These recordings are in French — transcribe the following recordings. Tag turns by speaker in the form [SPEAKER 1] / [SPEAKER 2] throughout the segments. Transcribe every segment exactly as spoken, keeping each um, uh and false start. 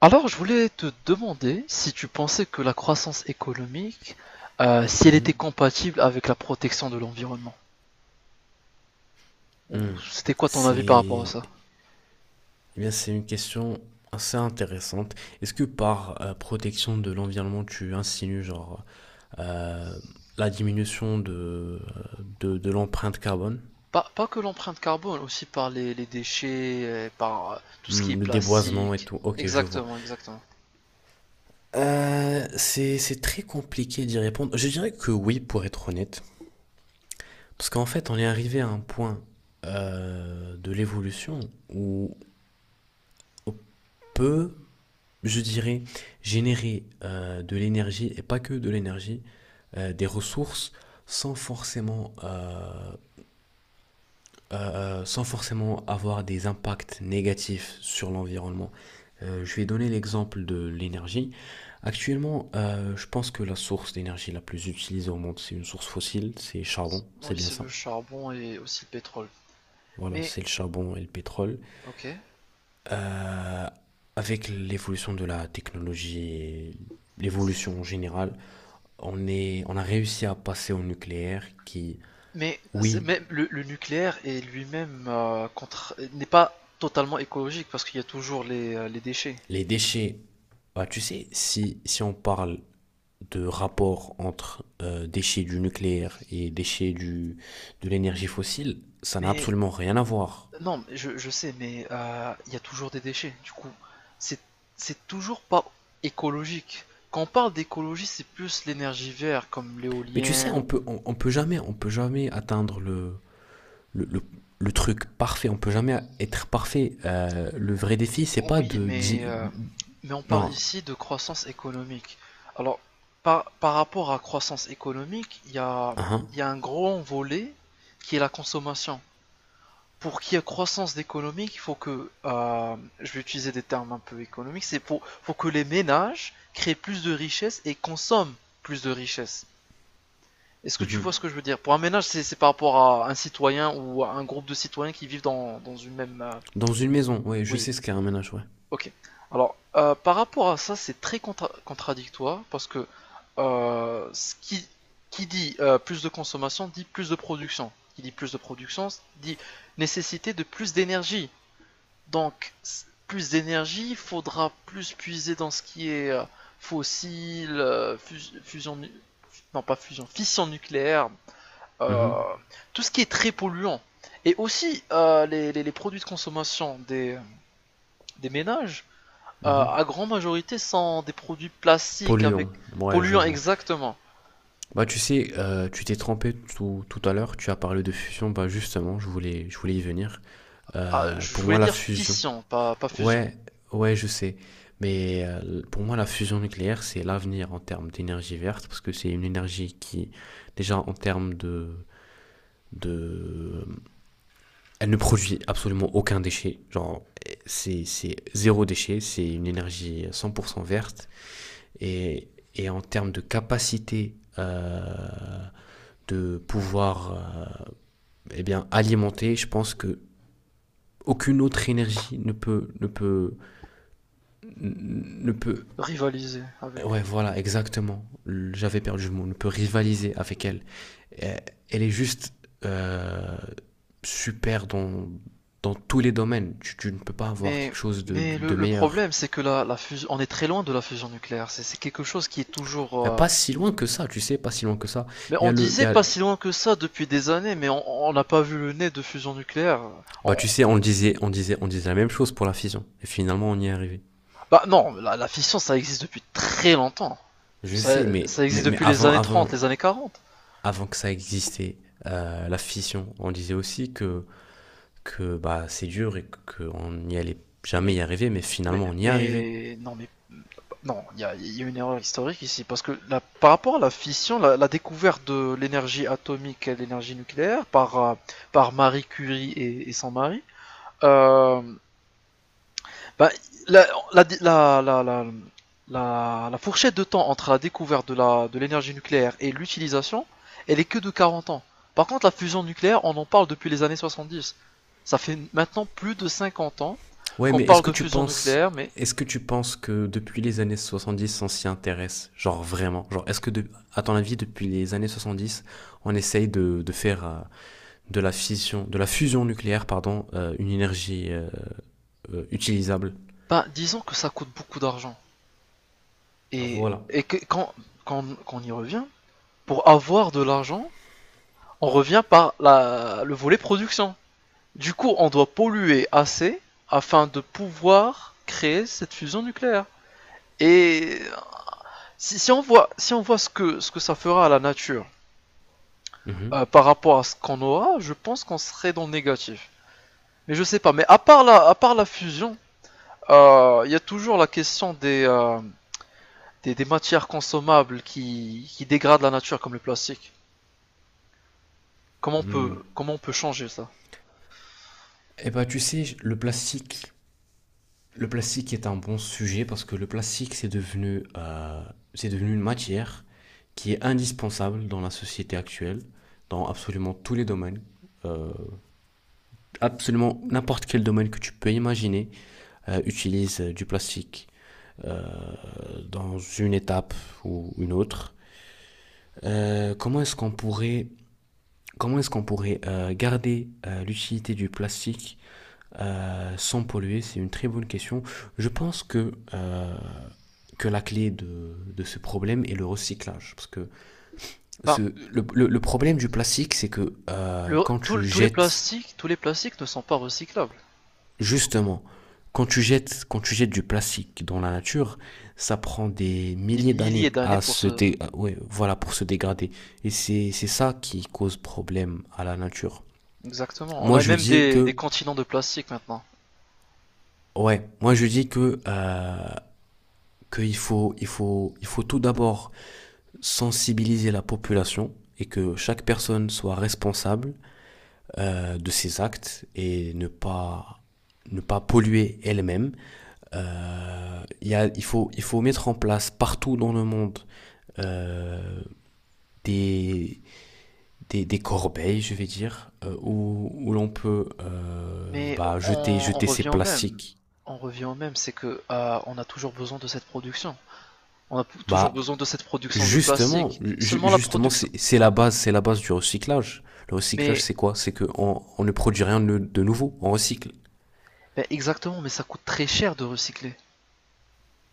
[SPEAKER 1] Alors, je voulais te demander si tu pensais que la croissance économique, euh, si elle était
[SPEAKER 2] Mhm.
[SPEAKER 1] compatible avec la protection de l'environnement. Ou
[SPEAKER 2] Hmm.
[SPEAKER 1] C'était quoi ton avis par rapport à
[SPEAKER 2] C'est
[SPEAKER 1] ça?
[SPEAKER 2] eh bien, c'est une question assez intéressante. Est-ce que par euh, protection de l'environnement, tu insinues genre euh, la diminution de, euh, de, de l'empreinte carbone?
[SPEAKER 1] Pas, pas que l'empreinte carbone, aussi par les, les déchets, euh, par euh, tout ce qui est
[SPEAKER 2] Hmm, le déboisement et
[SPEAKER 1] plastique.
[SPEAKER 2] tout. Ok, je vois.
[SPEAKER 1] Exactement, exactement.
[SPEAKER 2] Euh, c'est c'est très compliqué d'y répondre. Je dirais que oui, pour être honnête. Parce qu'en fait, on est arrivé à un point euh, de l'évolution où on peut, je dirais, générer euh, de l'énergie, et pas que de l'énergie, euh, des ressources sans forcément, euh, euh, euh, sans forcément avoir des impacts négatifs sur l'environnement. Euh, je vais donner l'exemple de l'énergie. Actuellement, euh, je pense que la source d'énergie la plus utilisée au monde, c'est une source fossile, c'est charbon, c'est
[SPEAKER 1] Oui,
[SPEAKER 2] bien
[SPEAKER 1] c'est
[SPEAKER 2] ça.
[SPEAKER 1] le charbon et aussi le pétrole.
[SPEAKER 2] Voilà,
[SPEAKER 1] Mais,
[SPEAKER 2] c'est le charbon et le pétrole.
[SPEAKER 1] ok.
[SPEAKER 2] Euh, avec l'évolution de la technologie et l'évolution en général, on est, on a réussi à passer au nucléaire qui,
[SPEAKER 1] Mais c'est-
[SPEAKER 2] oui,
[SPEAKER 1] même le, le nucléaire est lui-même euh, contre- n'est pas totalement écologique parce qu'il y a toujours les, euh, les déchets.
[SPEAKER 2] les déchets, bah, tu sais, si, si on parle de rapport entre euh, déchets du nucléaire et déchets du, de l'énergie fossile, ça n'a
[SPEAKER 1] Mais
[SPEAKER 2] absolument rien à voir.
[SPEAKER 1] Non, mais je, je sais, mais euh, il y a toujours des déchets. Du coup, c'est c'est toujours pas écologique. Quand on parle d'écologie, c'est plus l'énergie verte, comme
[SPEAKER 2] Mais tu sais,
[SPEAKER 1] l'éolienne.
[SPEAKER 2] on
[SPEAKER 1] ou-
[SPEAKER 2] peut, on, on peut jamais, on peut jamais atteindre le, le, le, le truc parfait. On peut jamais être parfait. Euh, le vrai défi, c'est
[SPEAKER 1] Oh
[SPEAKER 2] pas
[SPEAKER 1] oui,
[SPEAKER 2] de
[SPEAKER 1] mais
[SPEAKER 2] di-
[SPEAKER 1] euh, mais on parle
[SPEAKER 2] non,
[SPEAKER 1] ici de croissance économique. Alors, par par rapport à croissance économique, il y a
[SPEAKER 2] hein,
[SPEAKER 1] il y a un gros volet qui est la consommation. Pour qu'il y ait croissance économique, il faut que, euh, je vais utiliser des termes un peu économiques, c'est pour, faut que les ménages créent plus de richesses et consomment plus de richesses. Est-ce que tu vois
[SPEAKER 2] mhm.
[SPEAKER 1] ce que je veux dire? Pour un ménage, c'est c'est par rapport à un citoyen ou à un groupe de citoyens qui vivent dans, dans une même... euh,
[SPEAKER 2] Dans une maison, ouais, je
[SPEAKER 1] Oui,
[SPEAKER 2] sais ce qu'est un ménage, ouais.
[SPEAKER 1] ok. Alors, euh, par rapport à ça, c'est très contra- contradictoire parce que euh, ce qui, qui dit euh, plus de consommation dit plus de production. Qui dit plus de production dit nécessité de plus d'énergie. Donc, plus d'énergie, il faudra plus puiser dans ce qui est euh, fossile, euh, fus- fusion, non pas fusion, fission nucléaire, euh,
[SPEAKER 2] Mhm,
[SPEAKER 1] tout ce qui est très polluant. Et aussi, euh, les, les- les produits de consommation des, des ménages, euh, à
[SPEAKER 2] mhm.
[SPEAKER 1] grande majorité, sont des produits plastiques avec
[SPEAKER 2] Polluant, ouais, je
[SPEAKER 1] polluants
[SPEAKER 2] vois.
[SPEAKER 1] exactement.
[SPEAKER 2] Bah, tu sais, euh, tu t'es trompé tout, tout à l'heure, tu as parlé de fusion, bah justement, je voulais, je voulais y venir.
[SPEAKER 1] Ah,
[SPEAKER 2] Euh,
[SPEAKER 1] je
[SPEAKER 2] pour moi,
[SPEAKER 1] voulais
[SPEAKER 2] la
[SPEAKER 1] dire
[SPEAKER 2] fusion,
[SPEAKER 1] fission, pas, pas fusion.
[SPEAKER 2] ouais, ouais, je sais, mais euh, pour moi, la fusion nucléaire, c'est l'avenir en termes d'énergie verte, parce que c'est une énergie qui, déjà, en termes de, de, elle ne produit absolument aucun déchet, genre, c'est, c'est zéro déchet, c'est une énergie cent pour cent verte, et, et en termes de capacité euh, de pouvoir euh, eh bien, alimenter, je pense que aucune autre énergie ne peut, ne peut, ne peut,
[SPEAKER 1] Rivaliser avec.
[SPEAKER 2] ouais, voilà, exactement. J'avais perdu le mot, ne peut rivaliser avec elle. Elle est juste euh, super dans, dans tous les domaines. Tu, tu ne peux pas avoir
[SPEAKER 1] Mais,
[SPEAKER 2] quelque chose de,
[SPEAKER 1] mais
[SPEAKER 2] de,
[SPEAKER 1] le,
[SPEAKER 2] de
[SPEAKER 1] le
[SPEAKER 2] meilleur.
[SPEAKER 1] problème, c'est que la, la fusion, on est très loin de la fusion nucléaire. C'est c'est quelque chose qui est toujours. euh,
[SPEAKER 2] Pas si loin que ça, tu sais, pas si loin que ça.
[SPEAKER 1] Mais
[SPEAKER 2] Il y
[SPEAKER 1] on
[SPEAKER 2] a le, il y
[SPEAKER 1] disait
[SPEAKER 2] a,
[SPEAKER 1] pas si loin que ça depuis des années, mais on on n'a pas vu le nez de fusion nucléaire.
[SPEAKER 2] Bah
[SPEAKER 1] On-
[SPEAKER 2] tu sais, on le disait, on disait, on disait la même chose pour la fission. Et finalement, on y est arrivé.
[SPEAKER 1] Bah non, la, la fission, ça existe depuis très longtemps.
[SPEAKER 2] Je
[SPEAKER 1] Ça,
[SPEAKER 2] sais, mais,
[SPEAKER 1] ça existe
[SPEAKER 2] mais, mais
[SPEAKER 1] depuis les
[SPEAKER 2] avant,
[SPEAKER 1] années
[SPEAKER 2] avant,
[SPEAKER 1] trente les années quarante.
[SPEAKER 2] avant que ça existait, euh, la fission, on disait aussi que, que bah, c'est dur et qu'on n'y allait jamais
[SPEAKER 1] Mais,
[SPEAKER 2] y arriver, mais
[SPEAKER 1] mais,
[SPEAKER 2] finalement, on y est arrivé.
[SPEAKER 1] mais non, mais non, il y a, il y a une erreur historique ici parce que la- par rapport à la fission, la, la découverte de l'énergie atomique et de l'énergie nucléaire par euh, par Marie Curie et, et son mari. Euh, bah, la, la, la- la- la- la- la fourchette de temps entre la découverte de la- de l'énergie nucléaire et l'utilisation, elle est que de quarante ans. Par contre, la fusion nucléaire, on en parle depuis les années soixante-dix. Ça fait maintenant plus de cinquante ans
[SPEAKER 2] Ouais,
[SPEAKER 1] qu'on
[SPEAKER 2] mais est-ce
[SPEAKER 1] parle
[SPEAKER 2] que
[SPEAKER 1] de
[SPEAKER 2] tu
[SPEAKER 1] fusion
[SPEAKER 2] penses,
[SPEAKER 1] nucléaire, mais
[SPEAKER 2] est-ce que tu penses que depuis les années soixante-dix, on s'y intéresse? Genre vraiment? Genre, est-ce que, de, à ton avis, depuis les années soixante-dix, on essaye de, de faire euh, de la fission, de la fusion nucléaire, pardon, euh, une énergie euh, euh, utilisables.
[SPEAKER 1] ben, disons que ça coûte beaucoup d'argent.
[SPEAKER 2] Ah,
[SPEAKER 1] Et,
[SPEAKER 2] voilà.
[SPEAKER 1] et que, quand, quand, quand on y revient, pour avoir de l'argent, on revient par la, le volet production. Du coup, on doit polluer assez afin de pouvoir créer cette fusion nucléaire. Et si, si on voit, si on voit ce, que, ce que ça fera à la nature euh, par rapport à ce qu'on aura, je pense qu'on serait dans le négatif. Mais je sais pas, mais à part la, à part la fusion, il euh, y a toujours la question des, euh, des, des matières consommables qui, qui dégradent la nature comme le plastique. Comment on
[SPEAKER 2] Et
[SPEAKER 1] peut, comment on peut changer ça?
[SPEAKER 2] ben tu sais, le plastique, le plastique est un bon sujet parce que le plastique c'est devenu, euh, c'est devenu une matière qui est indispensable dans la société actuelle, dans absolument tous les domaines. Euh, absolument n'importe quel domaine que tu peux imaginer euh, utilise euh, du plastique euh, dans une étape ou une autre. Euh, comment est-ce qu'on pourrait, comment est-ce qu'on pourrait euh, garder euh, l'utilité du plastique euh, sans polluer? C'est une très bonne question. Je pense que, euh, que la clé de, de ce problème est le recyclage. Parce que
[SPEAKER 1] Ben,
[SPEAKER 2] ce, le, le- le problème du plastique, c'est que euh,
[SPEAKER 1] le,
[SPEAKER 2] quand
[SPEAKER 1] tout-
[SPEAKER 2] tu
[SPEAKER 1] tous les
[SPEAKER 2] jettes,
[SPEAKER 1] plastiques, tous les plastiques ne sont pas recyclables.
[SPEAKER 2] justement, quand tu jettes, quand tu jettes du plastique dans la nature, ça prend des
[SPEAKER 1] Des
[SPEAKER 2] milliers
[SPEAKER 1] milliers
[SPEAKER 2] d'années
[SPEAKER 1] d'années
[SPEAKER 2] à
[SPEAKER 1] pour
[SPEAKER 2] se
[SPEAKER 1] se,
[SPEAKER 2] dé- à- ouais, voilà, pour se dégrader. Et c'est, c'est ça qui cause problème à la nature.
[SPEAKER 1] exactement. On
[SPEAKER 2] Moi,
[SPEAKER 1] a
[SPEAKER 2] je
[SPEAKER 1] même
[SPEAKER 2] dis
[SPEAKER 1] des, des
[SPEAKER 2] que,
[SPEAKER 1] continents de plastique maintenant.
[SPEAKER 2] ouais, moi, je dis que, euh, qu'il faut, il faut, il faut tout d'abord sensibiliser la population et que chaque personne soit responsable euh, de ses actes et ne pas, ne pas polluer elle-même. Euh, il y a- il, faut, il faut mettre en place partout dans le monde euh, des, des, des corbeilles, je vais dire, euh, où, où l'on peut euh,
[SPEAKER 1] Mais
[SPEAKER 2] bah, jeter,
[SPEAKER 1] on, on
[SPEAKER 2] jeter ses
[SPEAKER 1] revient au même.
[SPEAKER 2] plastiques.
[SPEAKER 1] On revient au même, c'est que euh, on a toujours besoin de cette production. On a p- toujours
[SPEAKER 2] Bah,
[SPEAKER 1] besoin de cette production de
[SPEAKER 2] Justement,
[SPEAKER 1] plastique.
[SPEAKER 2] ju-
[SPEAKER 1] Seulement la
[SPEAKER 2] justement,
[SPEAKER 1] production.
[SPEAKER 2] c'est c'est la base, c'est la base du recyclage. Le recyclage,
[SPEAKER 1] Mais
[SPEAKER 2] c'est quoi? C'est que on, on ne produit rien de, de nouveau, on recycle.
[SPEAKER 1] ben exactement, mais ça coûte très cher de recycler.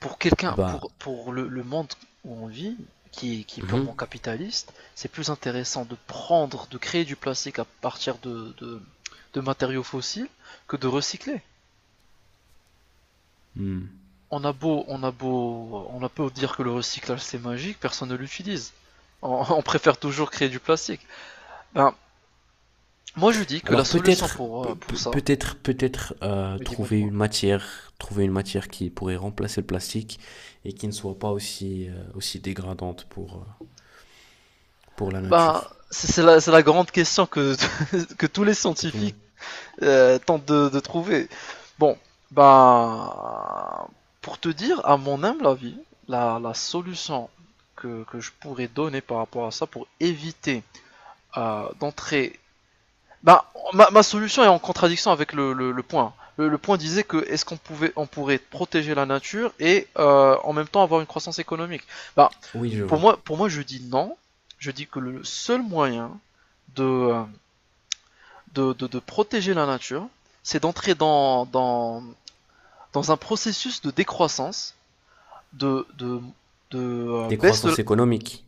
[SPEAKER 1] Pour
[SPEAKER 2] Et
[SPEAKER 1] quelqu'un,
[SPEAKER 2] bah,
[SPEAKER 1] pour, pour le, le monde où on vit, qui, est- qui est
[SPEAKER 2] mhm,
[SPEAKER 1] purement capitaliste, c'est plus intéressant de prendre, de créer du plastique à partir de, de, de matériaux fossiles que de recycler.
[SPEAKER 2] mhm.
[SPEAKER 1] On a beau, on a beau, on a beau dire que le recyclage c'est magique, personne ne l'utilise. On, on préfère toujours créer du plastique. Ben, moi je dis que la
[SPEAKER 2] Alors
[SPEAKER 1] solution
[SPEAKER 2] peut-être,
[SPEAKER 1] pour, euh,
[SPEAKER 2] pe- pe-
[SPEAKER 1] pour ça,
[SPEAKER 2] peut-être, peut-être euh,
[SPEAKER 1] oui dis-moi,
[SPEAKER 2] trouver
[SPEAKER 1] dis-moi,
[SPEAKER 2] une matière, trouver une matière qui pourrait remplacer le plastique et qui ne soit pas aussi euh, aussi dégradante pour euh, pour la
[SPEAKER 1] ben,
[SPEAKER 2] nature
[SPEAKER 1] c'est la, c'est la grande question que, que tous les
[SPEAKER 2] que tout le
[SPEAKER 1] scientifiques
[SPEAKER 2] monde.
[SPEAKER 1] euh, tentent de, de trouver. Bon, ben, pour te dire, à mon humble avis, la, la solution que, que je pourrais donner par rapport à ça pour éviter euh, d'entrer. Bah, ma, ma solution est en contradiction avec le, le, le point. Le, le point disait que est-ce qu'on pouvait, on pourrait protéger la nature et euh, en même temps avoir une croissance économique. Bah,
[SPEAKER 2] Oui, je
[SPEAKER 1] pour
[SPEAKER 2] vois.
[SPEAKER 1] moi, pour moi, je dis non. Je dis que le seul moyen de, de, de, de protéger la nature, c'est d'entrer dans, dans, dans un processus de décroissance, de, de, de, euh, baisse de
[SPEAKER 2] Décroissance économique.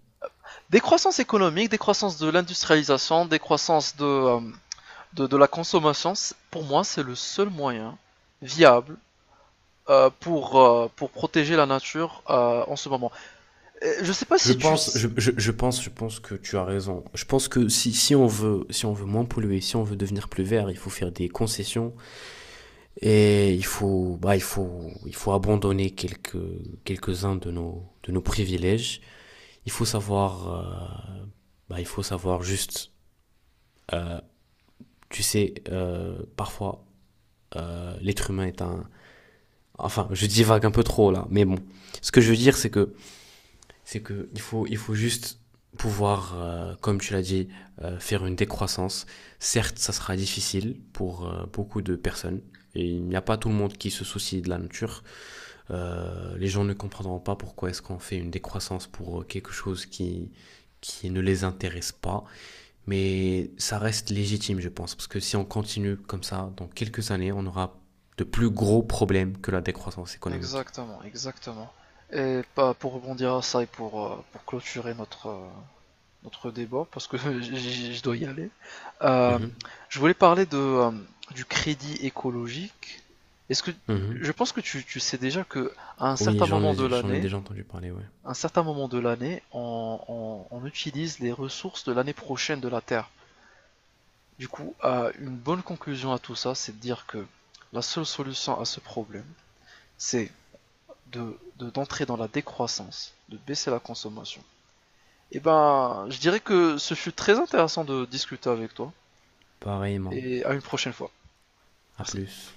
[SPEAKER 1] décroissance économique, décroissance de l'industrialisation, décroissance de euh, de, de la consommation, pour moi, c'est le seul moyen viable euh, pour, euh, pour protéger la nature euh, en ce moment. Et je sais pas
[SPEAKER 2] Je
[SPEAKER 1] si tu...
[SPEAKER 2] pense, je, je, je pense, je pense que tu as raison. Je pense que si, si on veut, si on veut moins polluer, si on veut devenir plus vert, il faut faire des concessions et il faut, bah, il faut, il faut abandonner quelques, quelques-uns de nos, de nos privilèges. Il faut savoir, euh, bah, il faut savoir juste, tu sais, euh, parfois, euh, l'être humain est un, enfin, je divague un peu trop là, mais bon. Ce que je veux dire, c'est que c'est que il faut, il faut juste pouvoir, euh, comme tu l'as dit, euh, faire une décroissance. Certes, ça sera difficile pour euh, beaucoup de personnes. Et il n'y a pas tout le monde qui se soucie de la nature. Euh, les gens ne comprendront pas pourquoi est-ce qu'on fait une décroissance pour euh, quelque chose qui, qui ne les intéresse pas. Mais ça reste légitime, je pense, parce que si on continue comme ça, dans quelques années, on aura de plus gros problèmes que la décroissance économique.
[SPEAKER 1] Exactement, exactement. Et pas pour rebondir à ça et pour, euh, pour clôturer notre, euh, notre débat, parce que je dois y aller, euh,
[SPEAKER 2] Mhm,
[SPEAKER 1] je voulais parler de, euh, du crédit écologique. Est-ce que...
[SPEAKER 2] mhm.
[SPEAKER 1] Je pense que tu, tu sais déjà que à un
[SPEAKER 2] Oui,
[SPEAKER 1] certain
[SPEAKER 2] j'en
[SPEAKER 1] moment de
[SPEAKER 2] ai, j'en ai
[SPEAKER 1] l'année,
[SPEAKER 2] déjà entendu parler, ouais.
[SPEAKER 1] un certain moment de l'année, on, on- on utilise les ressources de l'année prochaine de la Terre. Du coup, euh, une bonne conclusion à tout ça, c'est de dire que la seule solution à ce problème, c'est de, de- d'entrer dans la décroissance, de baisser la consommation. Et ben, je dirais que ce fut très intéressant de discuter avec toi,
[SPEAKER 2] Pareillement.
[SPEAKER 1] et à une prochaine fois.
[SPEAKER 2] À
[SPEAKER 1] Merci.
[SPEAKER 2] plus.